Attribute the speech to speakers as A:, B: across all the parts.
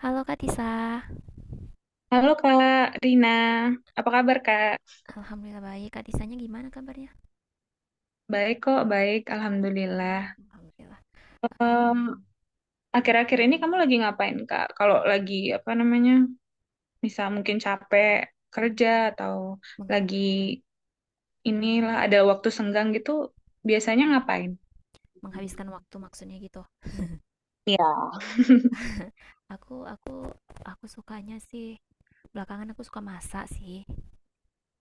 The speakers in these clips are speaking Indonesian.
A: Halo Kak Tisa.
B: Halo Kak Rina, apa kabar Kak?
A: Alhamdulillah baik. Kak Tisanya gimana kabarnya?
B: Baik kok, baik,
A: Baik,
B: Alhamdulillah.
A: Alhamdulillah. Uh,
B: Em, Akhir-akhir ini kamu lagi ngapain Kak? Kalau lagi apa namanya, misal mungkin capek kerja atau
A: mengha-
B: lagi inilah ada waktu senggang gitu, biasanya ngapain?
A: Menghabiskan waktu maksudnya gitu.
B: Iya.
A: Aku aku aku sukanya sih belakangan aku suka masak sih.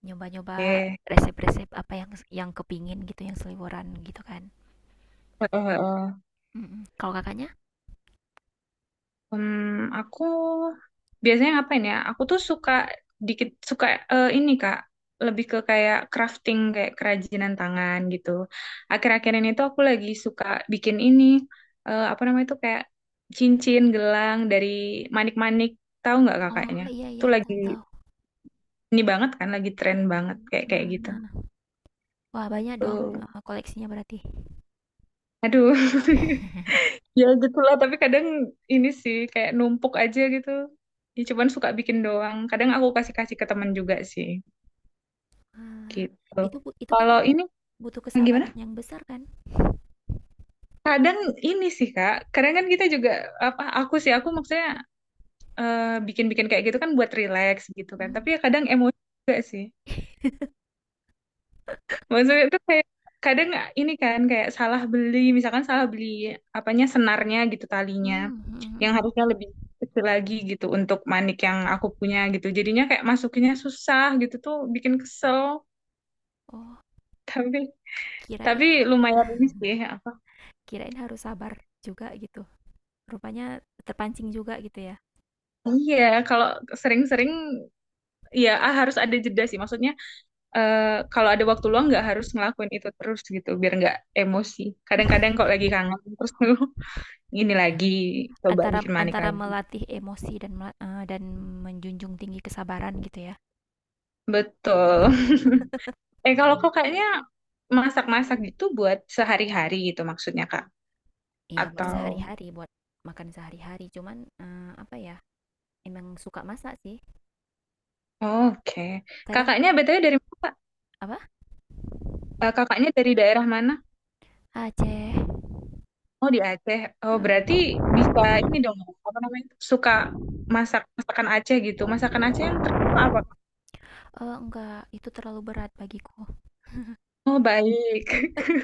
A: Nyoba-nyoba
B: Eh,
A: resep-resep apa yang kepingin gitu, yang seliburan gitu kan.
B: heeh, heeh.
A: Mm-mm. Kalau kakaknya?
B: Aku biasanya ngapain ya? Aku tuh suka dikit suka ini Kak, lebih ke kayak crafting kayak kerajinan tangan gitu. Akhir-akhir ini tuh aku lagi suka bikin ini apa namanya tuh kayak cincin gelang dari manik-manik. Tahu nggak
A: Oh,
B: kakaknya?
A: iya iya,
B: Tuh lagi
A: tahu-tahu.
B: ini banget kan, lagi tren banget kayak
A: Nah,
B: kayak gitu.
A: nah, nah. Wah, banyak dong,
B: Tuh.
A: koleksinya berarti.
B: Aduh. Ya gitulah, tapi kadang ini sih kayak numpuk aja gitu. Ya cuman suka bikin doang. Kadang aku kasih-kasih ke teman juga sih
A: Wah,
B: gitu.
A: itu kan
B: Kalau ini
A: butuh
B: gimana?
A: kesabaran yang besar kan?
B: Kadang ini sih Kak, kadang kan kita juga apa aku sih aku maksudnya eh, bikin-bikin kayak gitu kan buat relax gitu kan.
A: Hmm.
B: Tapi ya kadang emosi juga sih. Maksudnya itu kayak kadang ini kan kayak salah beli, misalkan salah beli apanya senarnya gitu talinya,
A: Mmm, mhm
B: yang
A: mhm.
B: harusnya lebih kecil lagi gitu untuk manik yang aku punya gitu. Jadinya kayak masukinnya susah gitu tuh bikin kesel.
A: Oh,
B: Tapi
A: kirain
B: tapi lumayan ini sih.
A: kirain harus sabar juga gitu. Rupanya terpancing juga gitu ya?
B: Iya, kalau sering-sering ya ah, harus ada jeda sih. Maksudnya eh, kalau ada waktu luang nggak harus ngelakuin itu terus gitu, biar nggak emosi. Kadang-kadang kalau lagi kangen terus ini lagi coba
A: Antara
B: bikin manik
A: antara
B: lagi.
A: melatih emosi dan menjunjung tinggi kesabaran gitu ya?
B: Betul. Kalau kok kayaknya masak-masak gitu buat sehari-hari gitu maksudnya, Kak.
A: Iya, buat
B: Atau
A: sehari-hari, buat makan sehari-hari. Cuman, apa ya, emang suka masak sih.
B: oke.
A: Kadang
B: Kakaknya BTW dari mana, Kak?
A: apa?
B: Kakaknya dari daerah mana?
A: Aceh.
B: Oh, di Aceh. Oh, berarti
A: Mhm.
B: bisa ini dong, apa namanya? Suka masak masakan Aceh gitu. Masakan Aceh yang terkenal apa, Kak?
A: Enggak, itu terlalu berat bagiku.
B: Oh, baik.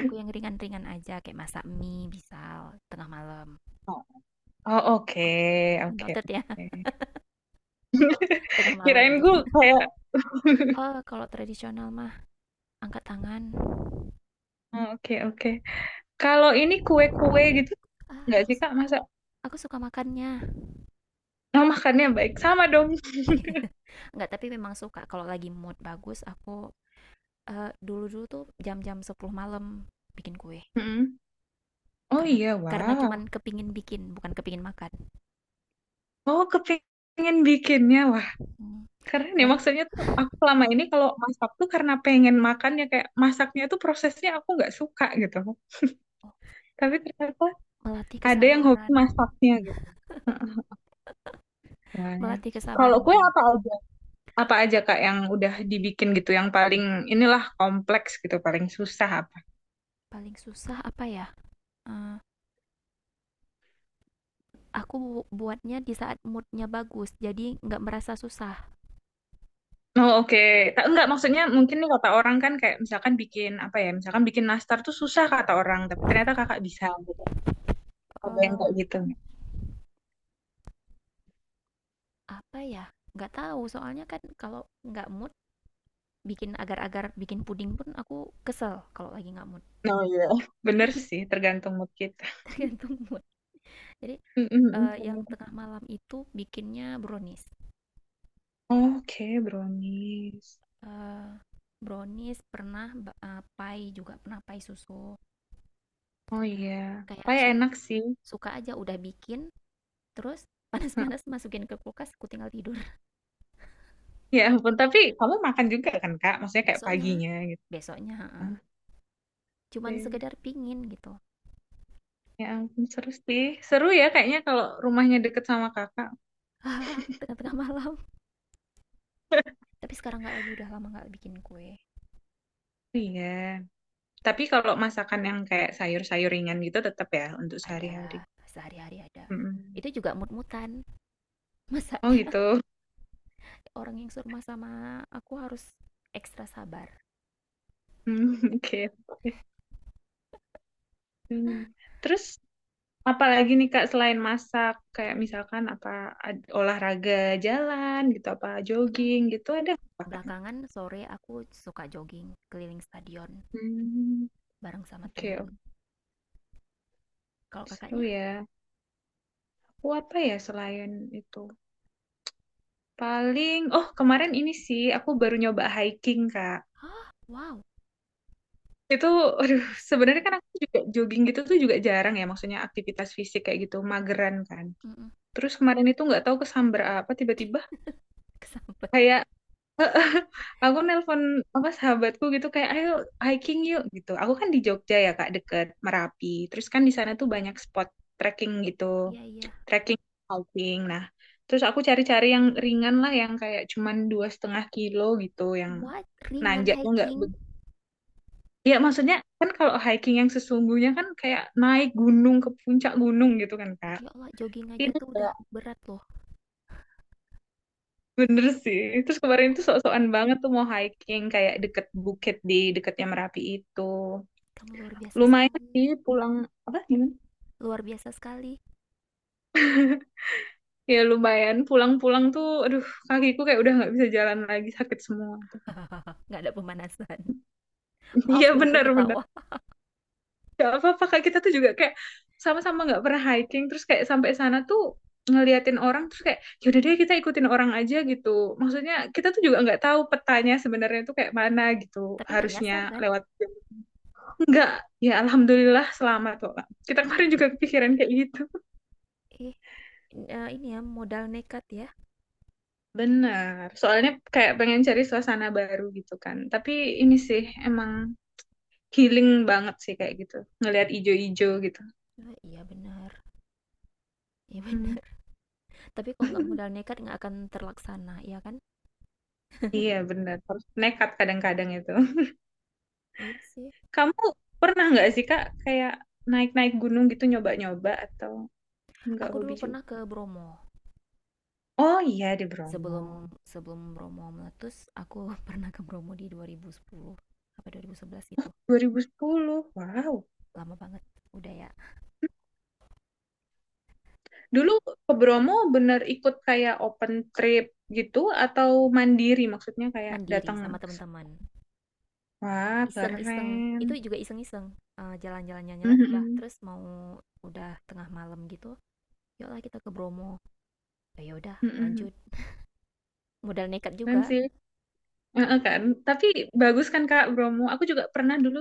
A: Aku yang ringan-ringan aja, kayak masak mie misal, tengah malam.
B: Oh, oh, oke.
A: Oke,
B: Oke,
A: noted ya,
B: oke.
A: tengah malam.
B: Kirain gue kayak
A: Oh, kalau tradisional mah angkat tangan.
B: Oh, oke, oke. Kalau ini kue-kue gitu,
A: Ah,
B: nggak
A: aku
B: sih, Kak?
A: suka.
B: Masa
A: Aku suka makannya.
B: oh, makannya baik. Sama dong.
A: Enggak, tapi memang suka kalau lagi mood bagus aku dulu-dulu tuh jam-jam 10 malam bikin kue.
B: Mm-mm. Oh
A: Karena
B: iya,
A: karena cuman
B: wow.
A: kepingin bikin, bukan kepingin makan.
B: Oh, kepingin bikinnya. Wah,
A: Hmm.
B: keren ya.
A: Dan
B: Maksudnya tuh aku selama ini kalau masak tuh karena pengen makan ya kayak masaknya tuh prosesnya aku nggak suka gitu.
A: oh,
B: Tapi ternyata
A: melatih
B: ada yang hobi
A: kesabaran.
B: masaknya gitu. Mm-mm. Wah.
A: Melatih
B: Kalau
A: kesabaran
B: kue
A: juga.
B: apa aja? Apa aja Kak yang udah dibikin gitu yang paling inilah kompleks gitu, paling susah apa?
A: Paling susah apa ya? Eh, aku buatnya di saat moodnya bagus, jadi nggak merasa susah.
B: Oh oke, enggak maksudnya mungkin nih kata orang kan kayak misalkan bikin apa ya, misalkan bikin nastar tuh susah kata orang, tapi ternyata kakak bisa gitu. Ada yang kayak gitu, nggak?
A: Apa ya? Nggak tahu, soalnya kan kalau nggak mood, bikin agar-agar bikin puding pun aku kesel kalau lagi nggak mood.
B: Oh iya. Bener sih, tergantung mood kita.
A: Tergantung mood. Jadi,
B: Mm-mm,
A: yang
B: bener.
A: tengah malam itu bikinnya brownies,
B: Oke, brownies.
A: eee, brownies pernah, pai juga pernah, pai susu.
B: Oh iya,
A: Kayak
B: kayak enak sih.
A: suka aja udah bikin, terus
B: Hah.
A: panas-panas masukin ke kulkas, aku tinggal tidur.
B: Ya ampun, tapi kamu makan juga kan kak? Maksudnya kayak
A: Besoknya
B: paginya gitu.
A: besoknya heeh, cuman sekedar
B: Oke.
A: pingin gitu,
B: Ya ampun, seru sih. Seru ya kayaknya kalau rumahnya deket sama kakak.
A: tengah-tengah malam. Tapi sekarang nggak lagi, udah lama nggak bikin kue.
B: Iya. Tapi kalau masakan yang kayak sayur-sayur ringan gitu tetap ya untuk sehari-hari.
A: Ada, sehari-hari ada.
B: Mm-mm.
A: Itu juga mut-mutan,
B: Oh
A: masaknya,
B: gitu.
A: orang yang surma sama aku harus ekstra sabar.
B: Hmm, oke. Oke. Hmm. Terus apalagi nih Kak selain masak kayak misalkan apa olahraga jalan gitu apa
A: Mhm,
B: jogging gitu ada apa Kak?
A: belakangan sore aku suka jogging keliling stadion
B: Hmm,
A: bareng sama
B: oke,
A: temen.
B: oke.
A: Kalau
B: Seru
A: Kakaknya?
B: ya. Aku apa ya selain itu? Paling oh kemarin ini sih aku baru nyoba hiking Kak.
A: Hah, wow,
B: Itu, aduh,
A: serius?
B: sebenarnya kan aku juga jogging gitu tuh juga jarang ya, maksudnya aktivitas fisik kayak gitu, mageran kan.
A: Mhm,
B: Terus kemarin itu nggak tahu kesamber apa tiba-tiba
A: kesambet.
B: kayak aku nelpon apa sahabatku gitu kayak ayo hiking yuk gitu. Aku kan di Jogja ya Kak deket Merapi. Terus kan di sana tuh banyak spot trekking gitu.
A: Iya, iya.
B: Trekking hiking. Nah, terus aku cari-cari yang ringan lah yang kayak cuman 2,5 kilo gitu yang
A: What? Ringan
B: nanjaknya nggak
A: hiking?
B: Iya, maksudnya kan kalau hiking yang sesungguhnya kan kayak naik gunung ke puncak gunung gitu kan, Kak.
A: Ya Allah, jogging aja
B: Ini
A: tuh udah
B: kayak,
A: berat loh.
B: bener sih. Terus kemarin
A: Kamu
B: tuh sok-sokan banget tuh mau hiking kayak deket bukit di deketnya Merapi itu.
A: kamu luar biasa
B: Lumayan
A: sekali,
B: sih pulang apa gimana?
A: luar biasa sekali.
B: Ya lumayan pulang-pulang tuh aduh kakiku kayak udah nggak bisa jalan lagi sakit semua, tuh
A: Nggak ada pemanasan. Maaf
B: iya
A: ya aku
B: bener bener.
A: ketawa,
B: Gak apa-apa kak, kita tuh juga kayak sama-sama nggak pernah hiking terus kayak sampai sana tuh ngeliatin orang terus kayak yaudah deh kita ikutin orang aja gitu. Maksudnya kita tuh juga nggak tahu petanya sebenarnya tuh kayak mana gitu
A: tapi nggak
B: harusnya
A: nyasar kan?
B: lewat. Nggak, ya alhamdulillah selamat kok kak. Kita kemarin juga kepikiran kayak gitu.
A: eh ini ya modal nekat ya?
B: Benar, soalnya kayak pengen cari suasana baru gitu kan. Tapi ini sih emang healing banget sih kayak gitu. Ngelihat ijo-ijo gitu.
A: Iya benar, iya
B: Hmm.
A: benar. Tapi kalau nggak modal nekat nggak akan terlaksana, ya kan?
B: Iya benar, harus nekat kadang-kadang itu.
A: Iya sih.
B: Kamu pernah nggak sih Kak kayak naik-naik gunung gitu nyoba-nyoba atau nggak
A: Aku
B: hobi
A: dulu pernah
B: juga?
A: ke Bromo.
B: Oh iya di
A: Sebelum
B: Bromo.
A: sebelum Bromo meletus, aku pernah ke Bromo di 2010 apa 2011 gitu,
B: 2010. Wow.
A: lama banget. Udah ya,
B: Dulu ke Bromo bener ikut kayak open trip gitu atau mandiri maksudnya kayak
A: mandiri
B: datang
A: sama
B: ke sana.
A: teman-teman,
B: Wah,
A: iseng-iseng, itu
B: keren.
A: juga iseng-iseng, jalan-jalan udah,
B: Mhm.
A: terus mau udah tengah malam gitu, "Yuklah kita ke Bromo." "Oh ya udah,
B: Mhm.
A: lanjut." Modal nekat
B: Keren
A: juga.
B: sih. Heeh kan. Tapi bagus kan Kak Bromo. Aku juga pernah dulu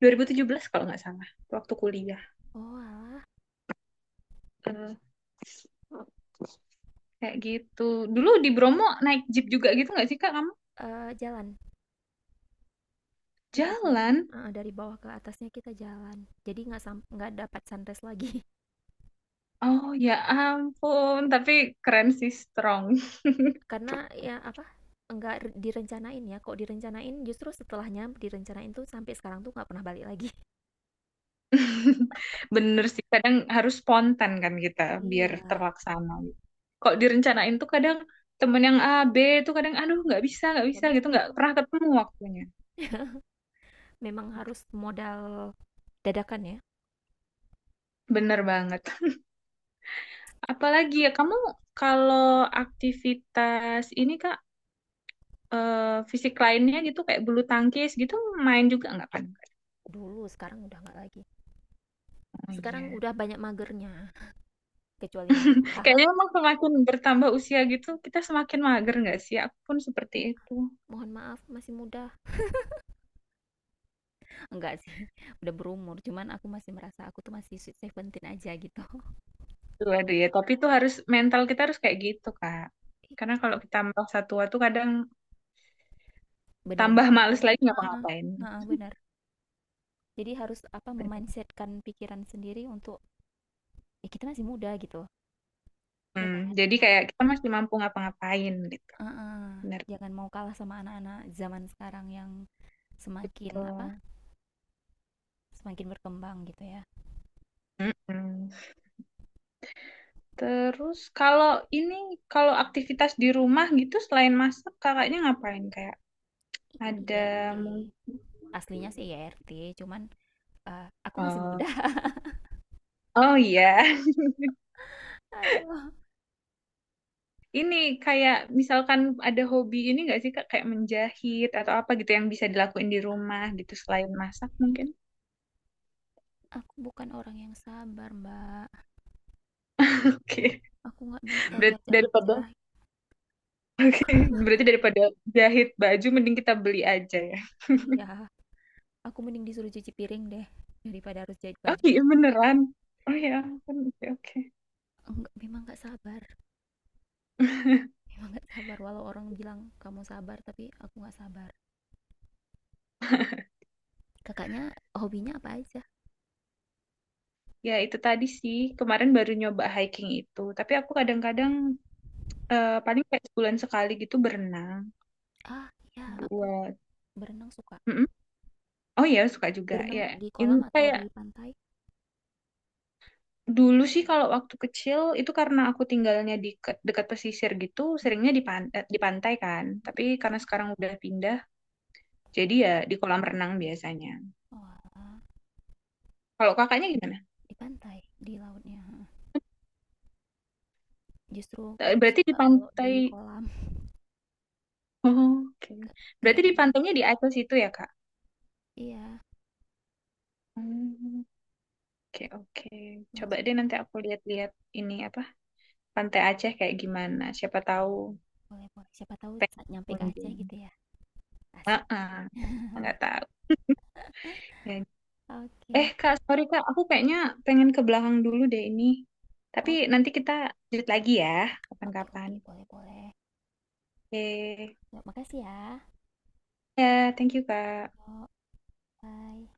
B: 2017 kalau nggak salah waktu kuliah.
A: Oalah.
B: Kayak gitu. Dulu di Bromo naik jeep juga gitu nggak sih Kak kamu?
A: Eee, jalan, Kita jalan,
B: Jalan.
A: heeh, dari bawah ke atasnya kita jalan. Jadi nggak dapat sunrise lagi.
B: Oh ya ampun, tapi keren sih strong.
A: Karena ya, apa, nggak direncanain ya, kok direncanain justru setelahnya direncanain tuh sampai sekarang tuh nggak pernah balik lagi.
B: Bener sih, kadang harus spontan kan kita biar
A: Iya,
B: terlaksana. Kok direncanain tuh kadang temen yang A, B tuh kadang aduh nggak
A: nggak
B: bisa gitu,
A: bisa,
B: nggak
A: mhm.
B: pernah ketemu waktunya.
A: Memang harus modal dadakan ya,
B: Bener banget. Apalagi ya kamu kalau aktivitas ini Kak, fisik lainnya gitu kayak bulu tangkis gitu main juga nggak kan?
A: dulu, sekarang udah nggak lagi.
B: Oh
A: Sekarang
B: iya.
A: udah banyak magernya, kecuali masak.
B: Kayaknya emang semakin bertambah usia gitu, kita semakin mager nggak sih? Aku pun seperti itu.
A: Mohon maaf, masih muda. Enggak sih, udah berumur, cuman aku masih merasa aku tuh masih sweet seventeen aja gitu.
B: Tuh, aduh ya, tapi itu harus mental kita harus kayak gitu, Kak.
A: Ih,
B: Karena kalau kita merasa tua tuh kadang
A: bener-bener
B: tambah males
A: mager.
B: lagi ngapa-ngapain.
A: Heeh, benar. Jadi harus apa memindsetkan pikiran sendiri untuk ya kita masih muda gitu. Ya
B: Hmm,
A: kan?
B: jadi kayak kita masih mampu ngapa-ngapain gitu.
A: Heeh.
B: Bener
A: Jangan mau kalah sama anak-anak zaman sekarang yang semakin apa?
B: gitu.
A: Semakin berkembang gitu ya.
B: Mm-mm. Terus kalau ini, kalau aktivitas di rumah gitu selain masak, kakaknya ngapain? Kayak ada
A: IRT.
B: mungkin.
A: Aslinya sih IRT, cuman aku masih
B: Oh,
A: muda.
B: oh iya.
A: Aduh,
B: Ini kayak misalkan ada hobi ini nggak sih Kak kayak menjahit atau apa gitu yang bisa dilakuin di rumah gitu selain masak mungkin.
A: aku bukan orang yang sabar, Mbak.
B: Oke.
A: Aku nggak bisa
B: Berarti
A: diajak
B: daripada
A: menjahit.
B: berarti daripada jahit baju mending kita beli aja ya.
A: Iya, aku mending disuruh cuci piring deh daripada harus jahit
B: Oh
A: baju.
B: iya
A: Aduh,
B: beneran. Oh ya, ampun, oke oke.
A: enggak, memang nggak sabar. Emang nggak sabar walau orang bilang kamu sabar, tapi aku nggak sabar. Kakaknya hobinya apa aja?
B: Ya itu tadi sih kemarin baru nyoba hiking itu, tapi aku kadang-kadang paling kayak 1 bulan sekali gitu berenang
A: Ah ya, aku
B: buat.
A: suka
B: Mm-mm. Oh ya suka juga
A: berenang
B: ya.
A: di kolam
B: Ini
A: atau
B: kayak
A: di pantai.
B: dulu sih kalau waktu kecil itu karena aku tinggalnya di dekat pesisir gitu, seringnya di di pantai kan. Tapi
A: Mm,
B: karena sekarang udah pindah, jadi ya di kolam renang biasanya.
A: oh,
B: Kalau kakaknya gimana?
A: di pantai, di lautnya justru
B: Eh,
A: kurang
B: berarti di
A: suka kalau di
B: pantai.
A: kolam.
B: Oh, oke. Berarti
A: Kayak
B: di pantainya di atas itu ya, Kak?
A: iya,
B: Hmm, oke, oke. Coba
A: langsung,
B: deh nanti aku lihat-lihat ini apa? Pantai Aceh kayak gimana? Siapa tahu
A: boleh boleh, siapa tahu saat
B: pengen
A: nyampe ke Aceh
B: kunjung.
A: gitu ya. Asik.
B: Heeh, nggak tahu. Ya,
A: Oke,
B: eh
A: okay.
B: Kak, sorry Kak, aku kayaknya pengen ke belakang dulu deh ini. Tapi
A: Oh,
B: nanti kita lanjut lagi ya,
A: oke, okay,
B: kapan-kapan.
A: oke, boleh boleh.
B: Oke,
A: Ya, makasih ya.
B: ya, thank you Kak.
A: Yuk, bye.